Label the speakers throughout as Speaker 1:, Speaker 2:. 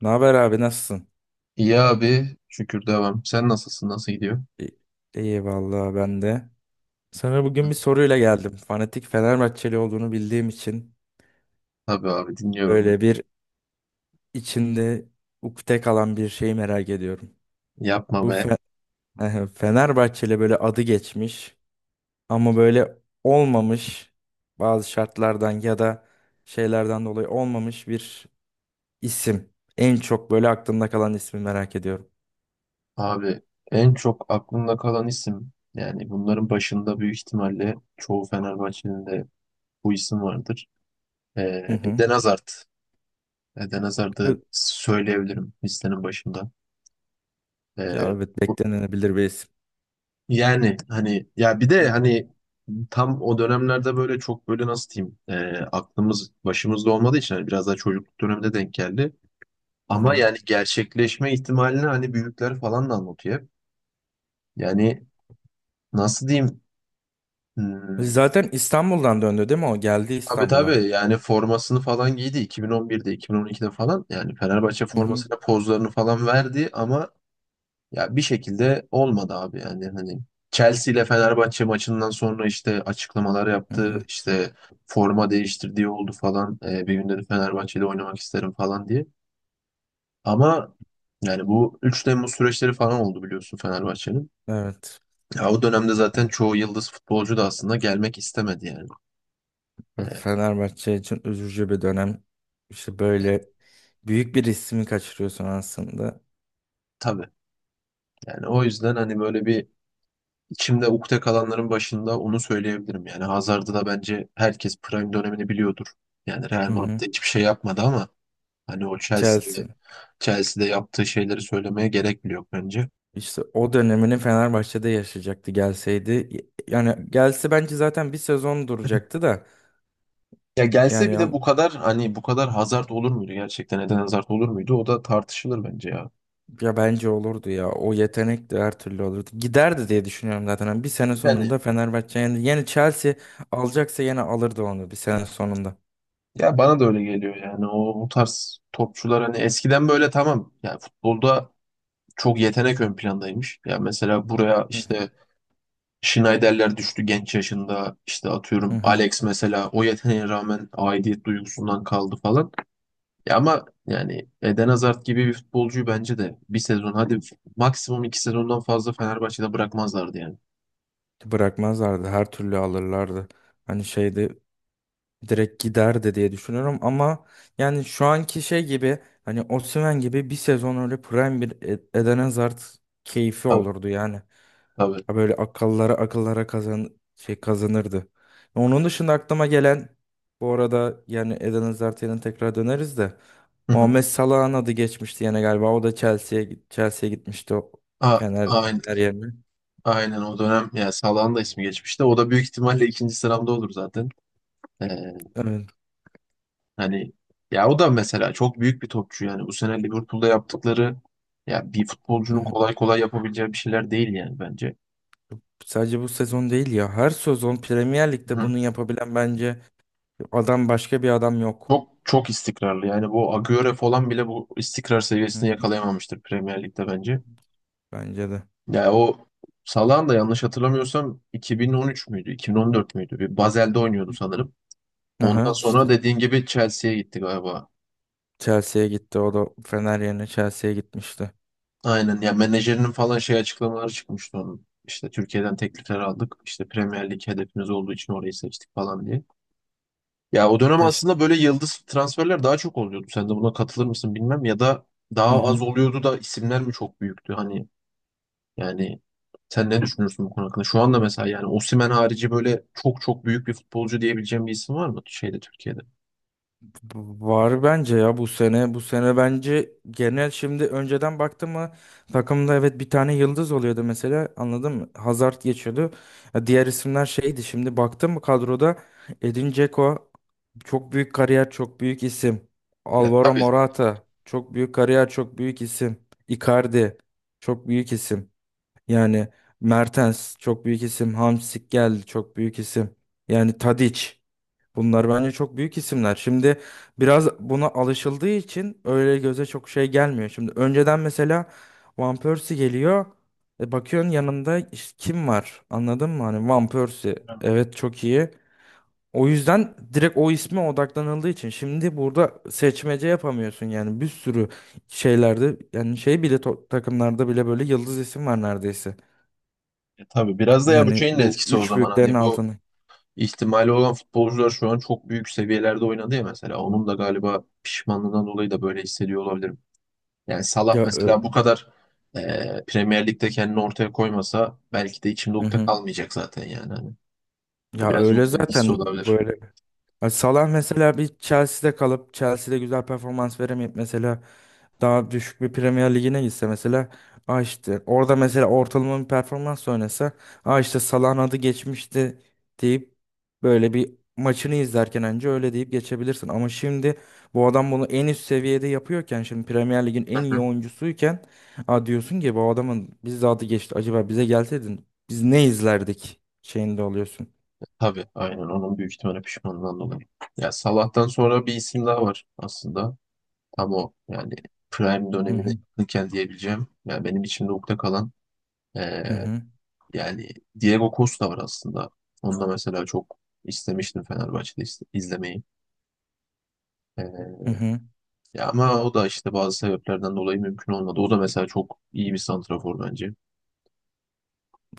Speaker 1: Ne haber abi, nasılsın?
Speaker 2: İyi abi. Şükür devam. Sen nasılsın? Nasıl gidiyor?
Speaker 1: İ- İyi vallahi, ben de. Sana bugün bir soruyla geldim. Fanatik Fenerbahçeli olduğunu bildiğim için
Speaker 2: Tabii abi dinliyorum.
Speaker 1: böyle bir içinde ukde kalan bir şeyi merak ediyorum.
Speaker 2: Yapma
Speaker 1: Bu
Speaker 2: be.
Speaker 1: Fe Fenerbahçeli böyle adı geçmiş ama böyle olmamış, bazı şartlardan ya da şeylerden dolayı olmamış bir isim. En çok böyle aklımda kalan ismi merak ediyorum.
Speaker 2: Abi en çok aklımda kalan isim yani bunların başında büyük ihtimalle çoğu Fenerbahçe'nin de bu isim vardır. Ee,
Speaker 1: Hı hı.
Speaker 2: Eden Hazard. Eden Hazard'ı
Speaker 1: Ö-
Speaker 2: söyleyebilirim listenin başında.
Speaker 1: Ya
Speaker 2: Ee,
Speaker 1: evet,
Speaker 2: bu,
Speaker 1: beklenebilir bir isim.
Speaker 2: yani hani ya bir
Speaker 1: Hı
Speaker 2: de
Speaker 1: hı.
Speaker 2: hani tam o dönemlerde böyle çok böyle nasıl diyeyim aklımız başımızda olmadığı için hani biraz daha çocukluk döneminde denk geldi.
Speaker 1: Hı
Speaker 2: Ama
Speaker 1: hı.
Speaker 2: yani gerçekleşme ihtimalini hani büyükler falan da anlatıyor hep. Yani nasıl diyeyim? Hmm,
Speaker 1: Zaten İstanbul'dan döndü değil mi o? Geldi
Speaker 2: tabii
Speaker 1: İstanbul'a.
Speaker 2: tabii yani formasını falan giydi 2011'de 2012'de falan yani Fenerbahçe
Speaker 1: Hı hı.
Speaker 2: formasıyla pozlarını falan verdi ama ya bir şekilde olmadı abi yani hani Chelsea ile Fenerbahçe maçından sonra işte açıklamalar
Speaker 1: Hı
Speaker 2: yaptı
Speaker 1: hı.
Speaker 2: işte forma değiştirdiği oldu falan. Bir gün dedi Fenerbahçe'de oynamak isterim falan diye ama yani bu 3 Temmuz süreçleri falan oldu biliyorsun Fenerbahçe'nin.
Speaker 1: Evet.
Speaker 2: Ya o dönemde zaten çoğu yıldız futbolcu da aslında gelmek istemedi yani.
Speaker 1: Evet,
Speaker 2: Ee,
Speaker 1: Fenerbahçe için üzücü bir dönem. İşte böyle büyük bir ismi kaçırıyorsun aslında.
Speaker 2: tabii. Yani o yüzden hani böyle bir içimde ukde kalanların başında onu söyleyebilirim. Yani Hazard'ı da bence herkes prime dönemini biliyordur. Yani Real
Speaker 1: Hı hı.
Speaker 2: Madrid'de hiçbir şey yapmadı ama hani o Chelsea'de
Speaker 1: Chelsea.
Speaker 2: Chelsea'de yaptığı şeyleri söylemeye gerek bile yok bence.
Speaker 1: İşte o dönemini Fenerbahçe'de yaşayacaktı gelseydi. Yani gelse bence zaten bir sezon duracaktı da.
Speaker 2: Ya gelse bir de
Speaker 1: Yani
Speaker 2: bu kadar hani bu kadar Hazard olur muydu gerçekten? Eden Hazard olur muydu? O da tartışılır bence ya.
Speaker 1: ya bence olurdu ya. O yetenek de her türlü olurdu. Giderdi diye düşünüyorum zaten. Hani bir sene
Speaker 2: Yani,
Speaker 1: sonunda Fenerbahçe yani, yani Chelsea alacaksa yine alırdı onu bir sene sonunda.
Speaker 2: ya bana da öyle geliyor yani o bu tarz topçular hani eskiden böyle tamam yani futbolda çok yetenek ön plandaymış. Ya mesela buraya
Speaker 1: Hı hı.
Speaker 2: işte Schneiderler düştü genç yaşında işte
Speaker 1: Hı
Speaker 2: atıyorum
Speaker 1: hı.
Speaker 2: Alex mesela o yeteneğe rağmen aidiyet duygusundan kaldı falan. Ya ama yani Eden Hazard gibi bir futbolcuyu bence de bir sezon hadi maksimum iki sezondan fazla Fenerbahçe'de bırakmazlardı yani.
Speaker 1: Bırakmazlardı. Her türlü alırlardı. Hani şeyde direkt giderdi diye düşünüyorum ama yani şu anki şey gibi, hani Osimhen gibi bir sezon öyle prime bir Eden Hazard keyfi
Speaker 2: Tabii
Speaker 1: olurdu yani.
Speaker 2: tabii.
Speaker 1: Ha böyle akıllara akıllara kazan şey kazanırdı. Onun dışında aklıma gelen, bu arada yani Eden Hazard'a tekrar döneriz de,
Speaker 2: Hı hı.
Speaker 1: Muhammed Salah'ın adı geçmişti yine galiba. O da Chelsea'ye gitmişti o
Speaker 2: A-
Speaker 1: Fener
Speaker 2: aynen,
Speaker 1: Fener yerine.
Speaker 2: aynen o dönem ya Salah'ın da ismi geçmişti. O da büyük ihtimalle ikinci sıramda olur zaten. Ee,
Speaker 1: Evet.
Speaker 2: hani ya o da mesela çok büyük bir topçu yani. Bu sene Liverpool'da yaptıkları ya bir
Speaker 1: Hı
Speaker 2: futbolcunun
Speaker 1: hı.
Speaker 2: kolay kolay yapabileceği bir şeyler değil yani bence.
Speaker 1: Sadece bu sezon değil ya. Her sezon Premier Lig'de
Speaker 2: Hı.
Speaker 1: bunu yapabilen bence adam, başka bir adam yok.
Speaker 2: Çok çok istikrarlı. Yani bu Agüero falan bile bu istikrar
Speaker 1: Hı hı.
Speaker 2: seviyesini yakalayamamıştır Premier Lig'de bence.
Speaker 1: Bence de.
Speaker 2: Ya o Salah'ın da yanlış hatırlamıyorsam 2013 müydü, 2014 müydü? Bir Basel'de oynuyordu sanırım.
Speaker 1: Aha
Speaker 2: Ondan sonra
Speaker 1: işte
Speaker 2: dediğin gibi Chelsea'ye gitti galiba.
Speaker 1: Chelsea'ye gitti. O da Fener yerine Chelsea'ye gitmişti.
Speaker 2: Aynen ya menajerinin falan şey açıklamaları çıkmıştı onun. İşte Türkiye'den teklifler aldık. İşte Premier Lig hedefimiz olduğu için orayı seçtik falan diye. Ya o dönem
Speaker 1: İşte.
Speaker 2: aslında böyle yıldız transferler daha çok oluyordu. Sen de buna katılır mısın bilmem ya da
Speaker 1: Hı
Speaker 2: daha az
Speaker 1: hı.
Speaker 2: oluyordu da isimler mi çok büyüktü hani yani sen ne düşünürsün bu konu hakkında? Şu anda mesela yani Osimhen harici böyle çok çok büyük bir futbolcu diyebileceğim bir isim var mı şeyde Türkiye'de?
Speaker 1: Var bence ya, bu sene. Bu sene bence genel, şimdi önceden baktım mı, takımda evet bir tane yıldız oluyordu mesela, anladın mı? Hazard geçiyordu. Ya diğer isimler şeydi, şimdi baktım mı kadroda, Edin Dzeko çok büyük kariyer, çok büyük isim.
Speaker 2: Ya
Speaker 1: Alvaro
Speaker 2: tabii.
Speaker 1: Morata çok büyük kariyer, çok büyük isim. Icardi çok büyük isim. Yani Mertens çok büyük isim. Hamsik geldi, çok büyük isim. Yani Tadic. Bunlar bence çok büyük isimler. Şimdi biraz buna alışıldığı için öyle göze çok şey gelmiyor. Şimdi önceden mesela Van Persie geliyor. E bakıyorsun yanında işte kim var? Anladın mı? Hani Van Persie. Evet, çok iyi. O yüzden direkt o isme odaklanıldığı için şimdi burada seçmece yapamıyorsun yani, bir sürü şeylerde, yani şey bile takımlarda bile böyle yıldız isim var neredeyse.
Speaker 2: Ya, tabii biraz da ya bu
Speaker 1: Yani
Speaker 2: şeyin de
Speaker 1: bu
Speaker 2: etkisi o
Speaker 1: üç
Speaker 2: zaman
Speaker 1: büyüklerin
Speaker 2: hani bu
Speaker 1: altını.
Speaker 2: ihtimali olan futbolcular şu an çok büyük seviyelerde oynadı ya mesela. Onun da galiba pişmanlığından dolayı da böyle hissediyor olabilirim. Yani Salah
Speaker 1: Ya, ö-
Speaker 2: mesela bu kadar Premier Lig'de kendini ortaya koymasa belki de içimde
Speaker 1: Hı
Speaker 2: ukde
Speaker 1: hı.
Speaker 2: kalmayacak zaten yani. Hani
Speaker 1: Ya
Speaker 2: biraz
Speaker 1: öyle
Speaker 2: ondan hissi
Speaker 1: zaten
Speaker 2: olabilir.
Speaker 1: böyle. Hani Salah mesela bir Chelsea'de kalıp Chelsea'de güzel performans veremeyip mesela daha düşük bir Premier Ligi'ne gitse mesela, aa işte orada mesela ortalama bir performans oynasa, aa işte Salah'ın adı geçmişti deyip böyle bir maçını izlerken önce öyle deyip geçebilirsin. Ama şimdi bu adam bunu en üst seviyede yapıyorken, şimdi Premier Lig'in en iyi oyuncusuyken, aa diyorsun ki bu adamın biz adı geçti, acaba bize gelseydin biz ne izlerdik şeyinde oluyorsun.
Speaker 2: Tabii aynen onun büyük ihtimalle pişmanlığından dolayı. Ya Salah'tan sonra bir isim daha var aslında. Tam o yani prime
Speaker 1: Hı
Speaker 2: dönemine
Speaker 1: hı
Speaker 2: yakınken diyebileceğim. Yani benim içimde ukde kalan
Speaker 1: hı
Speaker 2: eee,
Speaker 1: hı.
Speaker 2: yani Diego Costa var aslında. Onu da mesela çok istemiştim Fenerbahçe'de izlemeyi. Eee,
Speaker 1: Hı hı.
Speaker 2: ya ama o da işte bazı sebeplerden dolayı mümkün olmadı. O da mesela çok iyi bir santrafor bence.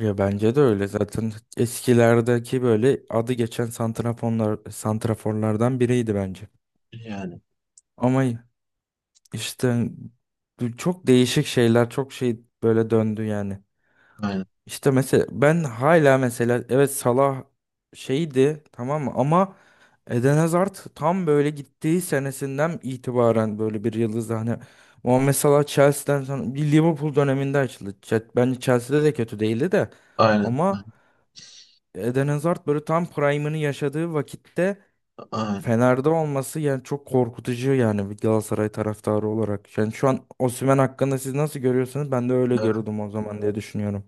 Speaker 1: Ya bence de öyle. Zaten eskilerdeki böyle adı geçen santraforlar, santraforlardan biriydi bence.
Speaker 2: Yani
Speaker 1: Ama işte bu çok değişik şeyler, çok şey böyle döndü yani.
Speaker 2: aynen,
Speaker 1: İşte mesela ben hala mesela evet Salah şeydi tamam mı, ama Eden Hazard tam böyle gittiği senesinden itibaren böyle bir yıldız hani. Muhammed Salah Chelsea'den sonra bir Liverpool döneminde açıldı. Bence Chelsea'de de kötü değildi de
Speaker 2: aynen,
Speaker 1: ama Eden Hazard böyle tam prime'ını yaşadığı vakitte
Speaker 2: aynen,
Speaker 1: Fener'de olması yani çok korkutucu yani, bir Galatasaray taraftarı olarak. Yani şu an Osimhen hakkında siz nasıl görüyorsunuz? Ben de öyle
Speaker 2: aynen,
Speaker 1: görüyordum o zaman diye düşünüyorum.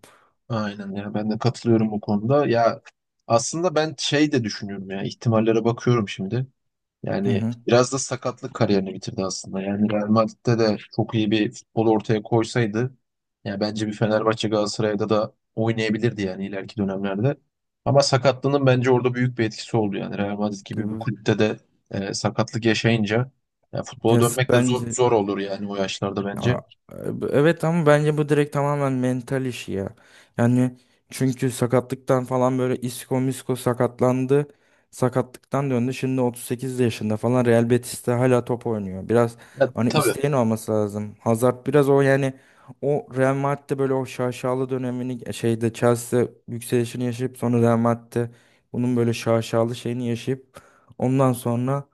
Speaker 2: aynen, ya ben de katılıyorum bu konuda ya aslında ben şey de düşünüyorum ya ihtimallere bakıyorum şimdi
Speaker 1: Hı
Speaker 2: yani
Speaker 1: hı.
Speaker 2: biraz da sakatlık kariyerini bitirdi aslında yani Real Madrid'de de çok iyi bir futbol ortaya koysaydı ya bence bir Fenerbahçe Galatasaray'da da oynayabilirdi yani ileriki dönemlerde ama sakatlığının bence orada büyük bir etkisi oldu yani Real Madrid gibi bir kulüpte de sakatlık yaşayınca ya futbola dönmek de zor,
Speaker 1: Bence
Speaker 2: zor olur yani o yaşlarda
Speaker 1: Aa,
Speaker 2: bence.
Speaker 1: e, evet ama bence bu direkt tamamen mental işi ya. Yani çünkü sakatlıktan falan böyle isko misko sakatlandı. Sakatlıktan döndü. Şimdi 38 yaşında falan Real Betis'te hala top oynuyor. Biraz
Speaker 2: Ya,
Speaker 1: hani
Speaker 2: tabii.
Speaker 1: isteğin olması lazım. Hazard biraz o yani, o Real Madrid'de böyle o şaşalı dönemini şeyde Chelsea yükselişini yaşayıp sonra Real Madrid'de bunun böyle şaşalı şeyini yaşayıp ondan sonra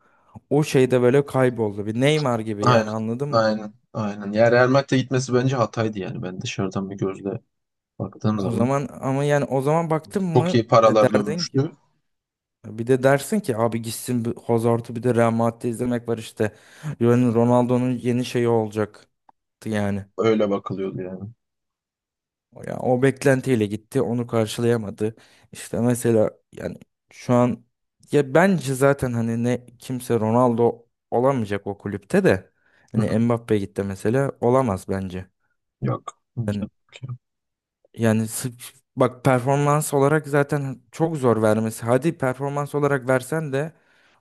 Speaker 1: o şeyde böyle kayboldu. Bir Neymar gibi
Speaker 2: Aynen.
Speaker 1: yani, anladın mı?
Speaker 2: Aynen. Aynen. Yani Real Madrid'e gitmesi bence hataydı yani. Ben dışarıdan bir gözle baktığım
Speaker 1: O
Speaker 2: zaman
Speaker 1: zaman ama yani o zaman baktın
Speaker 2: çok
Speaker 1: mı
Speaker 2: iyi paralar
Speaker 1: derdin ki,
Speaker 2: dönmüştü.
Speaker 1: bir de dersin ki abi gitsin, bir Hazard'ı bir de Real Madrid'de izlemek var işte. Yani Ronaldo'nun yeni şeyi olacaktı yani.
Speaker 2: Öyle bakılıyordu yani.
Speaker 1: O, ya o beklentiyle gitti, onu karşılayamadı. İşte mesela yani şu an ya bence zaten hani ne kimse Ronaldo olamayacak o kulüpte de.
Speaker 2: Hı hı.
Speaker 1: Hani Mbappe gitti mesela, olamaz bence.
Speaker 2: Yok. Yok,
Speaker 1: Yani
Speaker 2: yok, ya.
Speaker 1: yani sırf- bak, performans olarak zaten çok zor vermesi. Hadi performans olarak versen de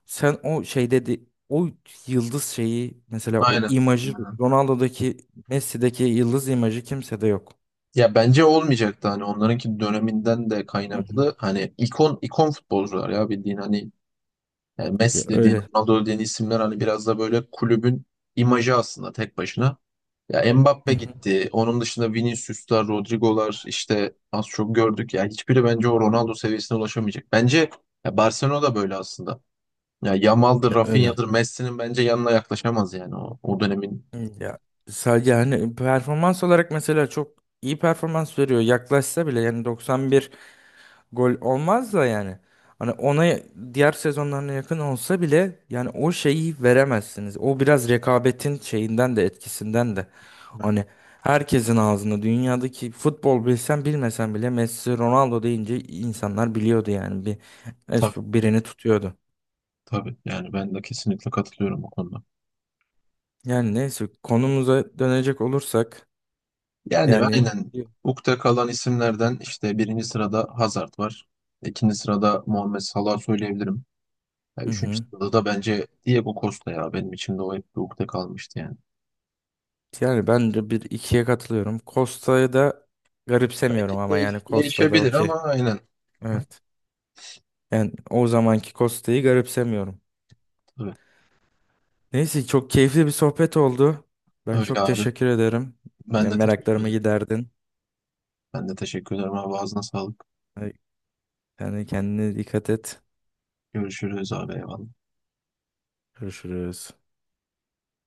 Speaker 1: sen o şey dedi o yıldız şeyi mesela, o
Speaker 2: Aynen.
Speaker 1: imajı
Speaker 2: Aynen.
Speaker 1: Ronaldo'daki, Messi'deki yıldız imajı kimsede yok.
Speaker 2: Ya bence olmayacaktı hani onlarınki döneminden de
Speaker 1: Hı hı.
Speaker 2: kaynaklı hani ikon ikon futbolcular ya bildiğin hani yani
Speaker 1: Ya
Speaker 2: Messi dediğin
Speaker 1: öyle.
Speaker 2: Ronaldo dediğin isimler hani biraz da böyle kulübün imajı aslında tek başına. Ya
Speaker 1: Hı
Speaker 2: Mbappe
Speaker 1: hı.
Speaker 2: gitti. Onun dışında Vinicius'lar, Rodrigo'lar işte az çok gördük. Ya hiçbiri bence o
Speaker 1: Hı hı.
Speaker 2: Ronaldo seviyesine ulaşamayacak. Bence ya Barcelona da böyle aslında. Ya Yamal'dır,
Speaker 1: Ya öyle.
Speaker 2: Rafinha'dır, Messi'nin bence yanına yaklaşamaz yani o dönemin.
Speaker 1: Hı, ya sadece hani performans olarak mesela çok iyi performans veriyor. Yaklaşsa bile yani 91 gol olmaz da yani. Hani ona diğer sezonlarına yakın olsa bile yani o şeyi veremezsiniz. O biraz rekabetin şeyinden de, etkisinden de. Hani herkesin ağzında dünyadaki futbol, bilsen bilmesen bile Messi Ronaldo deyince insanlar biliyordu yani, bir
Speaker 2: Tabii
Speaker 1: birini tutuyordu.
Speaker 2: tabii. Yani ben de kesinlikle katılıyorum bu konuda.
Speaker 1: Yani neyse, konumuza dönecek olursak
Speaker 2: Yani
Speaker 1: yani
Speaker 2: aynen ukde kalan isimlerden işte birinci sırada Hazard var. İkinci sırada Muhammed Salah söyleyebilirim. Ya
Speaker 1: hı
Speaker 2: üçüncü
Speaker 1: hı.
Speaker 2: sırada da bence Diego Costa ya benim içimde o hep bir ukde kalmıştı yani.
Speaker 1: Yani ben de bir ikiye katılıyorum. Costa'yı da garipsemiyorum ama yani
Speaker 2: Değiş-
Speaker 1: Costa da
Speaker 2: değişebilir
Speaker 1: okey.
Speaker 2: ama aynen.
Speaker 1: Evet. Yani o zamanki Costa'yı garipsemiyorum.
Speaker 2: Tabii.
Speaker 1: Neyse, çok keyifli bir sohbet oldu. Ben
Speaker 2: Öyle
Speaker 1: çok
Speaker 2: abi.
Speaker 1: teşekkür ederim.
Speaker 2: Ben
Speaker 1: Ya
Speaker 2: de teşekkür
Speaker 1: meraklarımı
Speaker 2: ederim.
Speaker 1: giderdin.
Speaker 2: Ben de teşekkür ederim abi. Ağzına sağlık.
Speaker 1: Yani kendine dikkat et.
Speaker 2: Görüşürüz abi. Eyvallah.
Speaker 1: Görüşürüz.